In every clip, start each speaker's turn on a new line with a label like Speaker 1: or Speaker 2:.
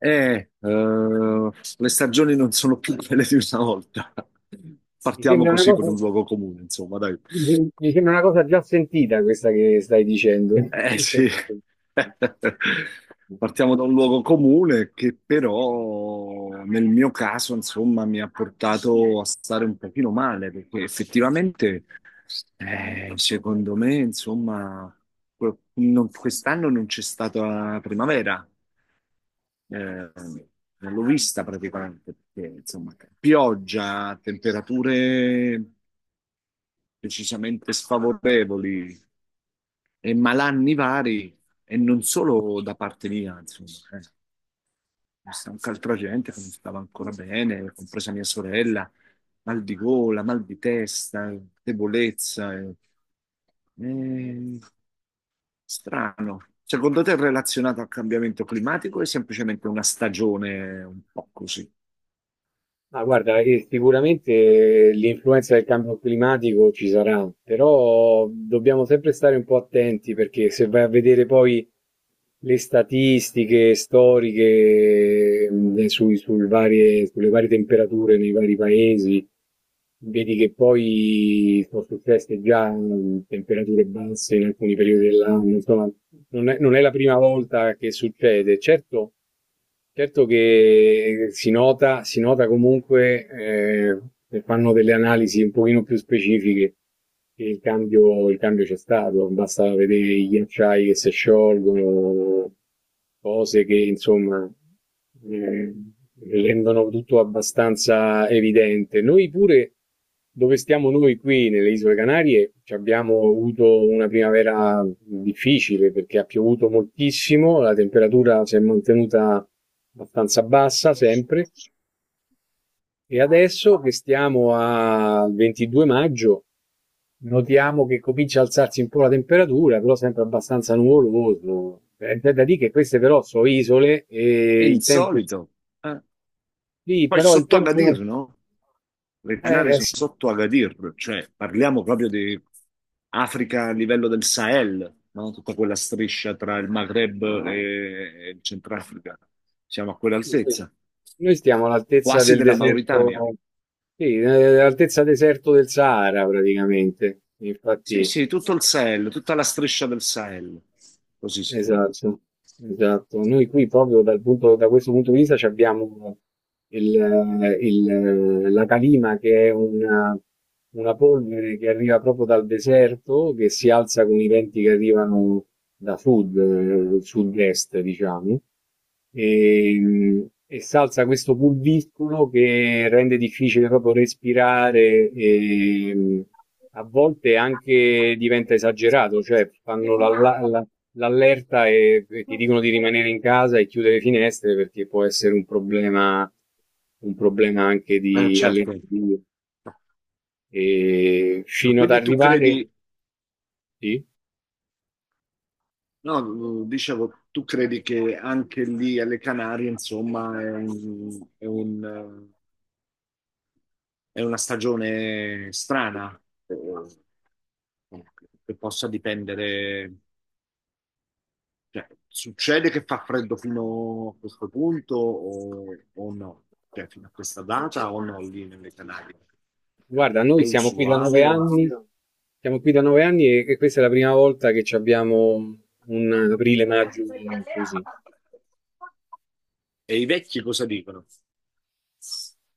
Speaker 1: Eh, eh, le stagioni non sono più quelle di una volta.
Speaker 2: Mi
Speaker 1: Partiamo
Speaker 2: sembra una
Speaker 1: così
Speaker 2: cosa,
Speaker 1: con un luogo comune, insomma, dai.
Speaker 2: Mi sembra una cosa già sentita questa che stai dicendo.
Speaker 1: Eh sì, partiamo da un luogo comune che però nel mio caso, insomma, mi ha portato a stare un pochino male, perché effettivamente, secondo me, insomma, quest'anno non c'è stata primavera. Eh, non l'ho vista praticamente perché, insomma, pioggia, temperature decisamente sfavorevoli e malanni vari, e non solo da parte mia, insomma. eh. C'è stata anche altra gente che non stava ancora bene, compresa mia sorella, mal di gola, mal di testa, debolezza. Eh, strano. Secondo te è relazionato al cambiamento climatico o è semplicemente una stagione un po' così?
Speaker 2: Ma guarda, sicuramente l'influenza del cambio climatico ci sarà, però dobbiamo sempre stare un po' attenti, perché se vai a vedere poi le statistiche storiche sulle varie temperature nei vari paesi, vedi che poi sono successe già temperature basse in alcuni periodi dell'anno, insomma, non è la prima volta che succede. Certo. Certo che si nota comunque, se fanno delle analisi un pochino più specifiche, che il cambio c'è stato, basta vedere i ghiacciai che si sciolgono, cose che insomma Ehm, rendono tutto abbastanza evidente. Noi pure, dove stiamo noi qui nelle Isole Canarie, ci abbiamo avuto una primavera difficile perché ha piovuto moltissimo, la temperatura si è mantenuta abbastanza bassa sempre e adesso che stiamo al 22 maggio notiamo che comincia a alzarsi un po' la temperatura, però sempre abbastanza nuvoloso. È da dire che queste però sono isole
Speaker 1: È
Speaker 2: e il tempo,
Speaker 1: insolito. eh.
Speaker 2: sì,
Speaker 1: Poi
Speaker 2: però il
Speaker 1: sotto
Speaker 2: tempo.
Speaker 1: Agadir, no? Le Canarie sono
Speaker 2: Sì.
Speaker 1: sotto Agadir, cioè parliamo proprio di Africa a livello del Sahel, no? Tutta quella striscia tra il Maghreb e il Centrafrica. Siamo a quell'altezza,
Speaker 2: Noi stiamo all'altezza
Speaker 1: quasi
Speaker 2: del
Speaker 1: della Mauritania.
Speaker 2: deserto, sì, all'altezza deserto del Sahara praticamente.
Speaker 1: Sì,
Speaker 2: Infatti.
Speaker 1: sì, tutto il Sahel, tutta la striscia del Sahel, così si chiama.
Speaker 2: Esatto, esatto. Noi qui proprio da questo punto di vista ci abbiamo la calima, che è una polvere che arriva proprio dal deserto, che si alza con i venti che arrivano da sud, sud-est, diciamo, e si alza questo pulviscolo che rende difficile proprio respirare e a volte anche diventa esagerato, cioè fanno l'allerta e ti dicono di rimanere in casa e chiudere le finestre perché può essere un problema anche di
Speaker 1: Certo.
Speaker 2: allergie. E
Speaker 1: Ma
Speaker 2: fino ad
Speaker 1: Quindi tu
Speaker 2: arrivare,
Speaker 1: credi,
Speaker 2: sì.
Speaker 1: No, dicevo, tu credi che anche lì alle Canarie, insomma, è una stagione strana, eh, che possa dipendere, cioè, succede che fa freddo fino a questo punto o no? Cioè, fino a questa data o no lì nelle Canarie?
Speaker 2: Guarda,
Speaker 1: È
Speaker 2: noi
Speaker 1: usuale?
Speaker 2: siamo qui da nove anni e questa è la prima volta che ci abbiamo un aprile-maggio così.
Speaker 1: E i vecchi cosa dicono?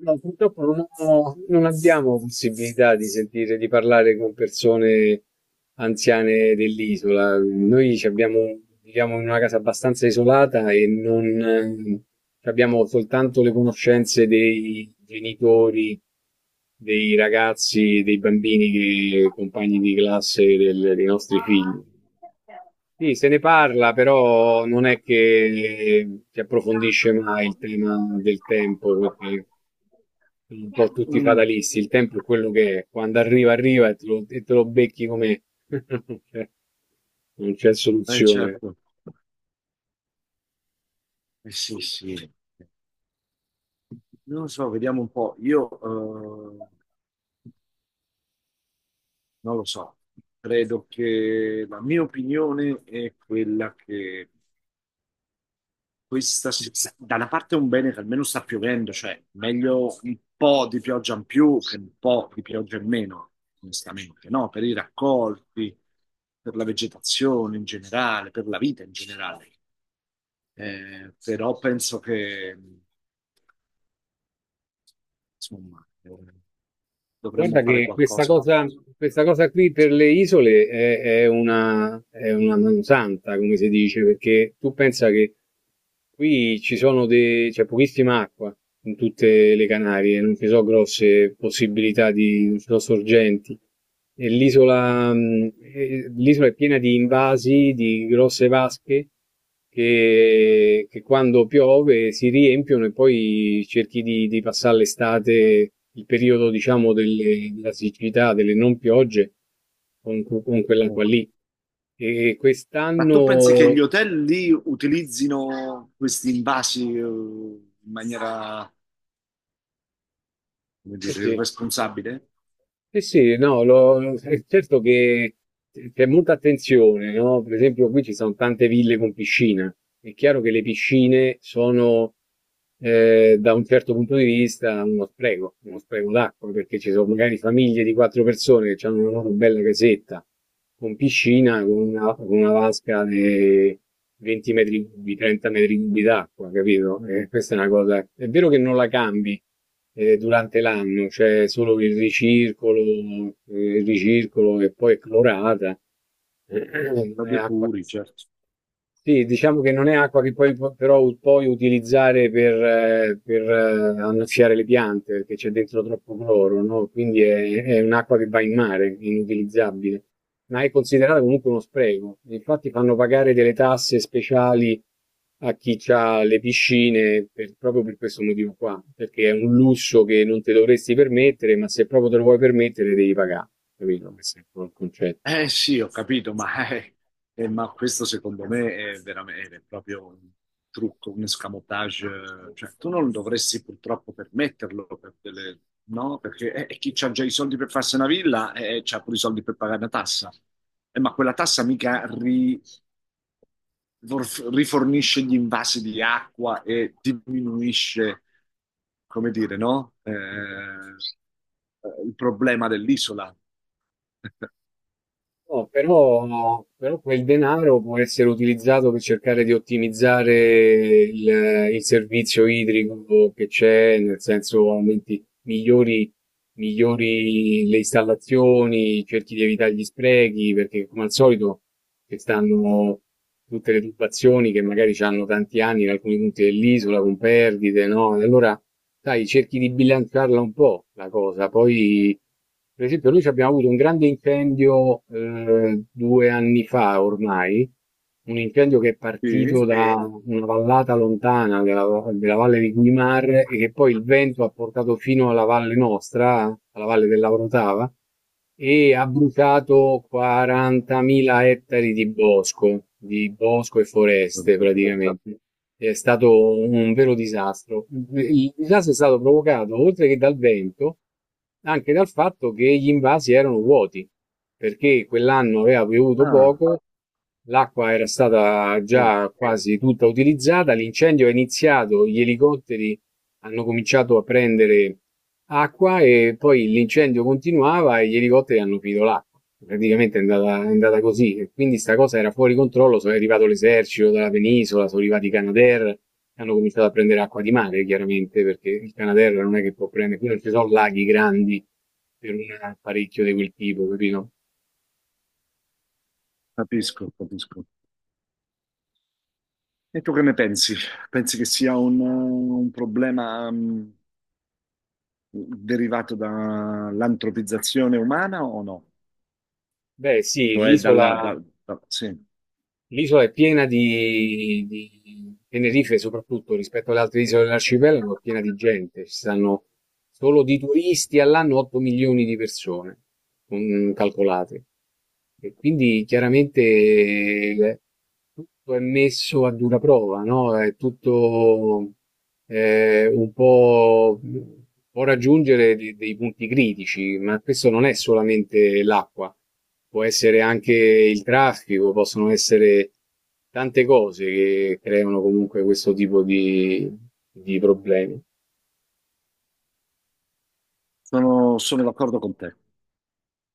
Speaker 2: No, purtroppo non abbiamo possibilità di sentire, di parlare con persone anziane dell'isola. Noi viviamo in una casa abbastanza isolata e non abbiamo soltanto le conoscenze dei genitori, dei ragazzi, dei bambini, che, compagni di classe dei nostri figli. Sì, se ne parla, però non è che si approfondisce mai il tema del tempo, perché un po' tutti
Speaker 1: Mm,
Speaker 2: fatalisti. Il tempo è quello che è. Quando arriva, arriva e te lo becchi, come non c'è soluzione.
Speaker 1: certo, sì, sì. Non lo so, vediamo un po'. Io eh, non lo so, credo che la mia opinione è quella che Questa, si- da una parte è un bene che almeno sta piovendo, cioè meglio un po' di pioggia in più che un po' di pioggia in meno, onestamente, no? Per i raccolti, per la vegetazione in generale, per la vita in generale. Però penso che, insomma, dovremmo
Speaker 2: Guarda
Speaker 1: fare
Speaker 2: che
Speaker 1: qualcosa per... per-
Speaker 2: questa cosa qui per le isole è una mansanta, come si dice, perché tu pensa che qui c'è pochissima acqua in tutte le Canarie, non ci sono grosse possibilità di, non ci sono sorgenti. E l'isola è piena di invasi, di grosse vasche che quando piove si riempiono, e poi cerchi di passare l'estate, il periodo, diciamo, della siccità, delle non piogge, con quell'acqua lì. E
Speaker 1: Ma tu pensi che gli
Speaker 2: quest'anno,
Speaker 1: hotel lì utilizzino questi invasi, in maniera, come
Speaker 2: sì,
Speaker 1: dire,
Speaker 2: sì.
Speaker 1: irresponsabile?
Speaker 2: Eh sì, no, è certo che c'è molta attenzione, no? Per esempio, qui ci sono tante ville con piscina. È chiaro che le piscine sono, da un certo punto di vista, uno spreco d'acqua, perché ci sono magari famiglie di quattro persone che hanno una loro bella casetta con piscina, con una vasca di 20 metri cubi, 30 metri cubi d'acqua, capito? E questa è una cosa. È vero che non la cambi durante l'anno, cioè solo che il ricircolo che poi è clorata, non
Speaker 1: Da
Speaker 2: è acqua,
Speaker 1: depuri, certo.
Speaker 2: sì, diciamo che non è acqua che poi però puoi utilizzare annaffiare le piante, perché c'è dentro troppo cloro, no? Quindi è un'acqua che va in mare, è inutilizzabile, ma è considerata comunque uno spreco. Infatti fanno pagare delle tasse speciali a chi ha le piscine proprio per questo motivo qua, perché è un lusso che non ti dovresti permettere, ma se proprio te lo vuoi permettere devi pagare, capito? Questo è un po' il concetto.
Speaker 1: Eh sì, ho capito, ma questo secondo me è veramente è proprio un trucco, un escamotage. Cioè, tu non dovresti purtroppo permetterlo, no? Perché chi ha già i soldi per farsi una villa c'ha pure i soldi per pagare una tassa. Ma quella tassa mica rifornisce gli invasi di acqua e diminuisce, come dire, no? Il problema dell'isola.
Speaker 2: No, però quel denaro può essere utilizzato per cercare di ottimizzare il servizio idrico che c'è, nel senso aumenti, migliori le installazioni, cerchi di evitare gli sprechi, perché come al solito ci stanno tutte le tubazioni che magari hanno tanti anni in alcuni punti dell'isola con perdite, no? E allora, sai, cerchi di bilanciarla un po' la cosa. Poi, per esempio, noi ci abbiamo avuto un grande incendio 2 anni fa ormai, un incendio che è
Speaker 1: Sì?
Speaker 2: partito da una vallata lontana della valle di Guimar, e che poi il vento ha portato fino alla valle nostra, alla valle dell'Avrotava, e ha bruciato 40.000 ettari di bosco e
Speaker 1: Non
Speaker 2: foreste
Speaker 1: sapevo.
Speaker 2: praticamente. È stato un vero disastro. Il disastro è stato provocato, oltre che dal vento, anche dal fatto che gli invasi erano vuoti, perché quell'anno aveva piovuto
Speaker 1: Ah,
Speaker 2: poco, l'acqua era stata
Speaker 1: sì,
Speaker 2: già quasi tutta utilizzata, l'incendio è iniziato, gli elicotteri hanno cominciato a prendere acqua e poi l'incendio continuava e gli elicotteri hanno finito l'acqua. Praticamente è andata così. E quindi sta cosa era fuori controllo, sono arrivato l'esercito dalla penisola, sono arrivati i Canadair, hanno cominciato a prendere acqua di mare, chiaramente, perché il Canadair non è che può prendere, qui non ci sono laghi grandi per un apparecchio di quel tipo, capito?
Speaker 1: capisco, capisco. E tu che ne pensi? Pensi che sia un problema derivato dall'antropizzazione umana o no?
Speaker 2: Beh, sì,
Speaker 1: Cioè dalla... da- sì,
Speaker 2: l'isola è piena di Tenerife, soprattutto rispetto alle altre isole dell'arcipelago, è piena di gente. Ci stanno solo di turisti all'anno 8 milioni di persone, calcolate. E quindi chiaramente tutto è messo a dura prova, no? È tutto un po'. Può raggiungere dei punti critici, ma questo non è solamente l'acqua, può essere anche il traffico, possono essere tante cose che creano comunque questo tipo di problemi.
Speaker 1: sono d'accordo con te.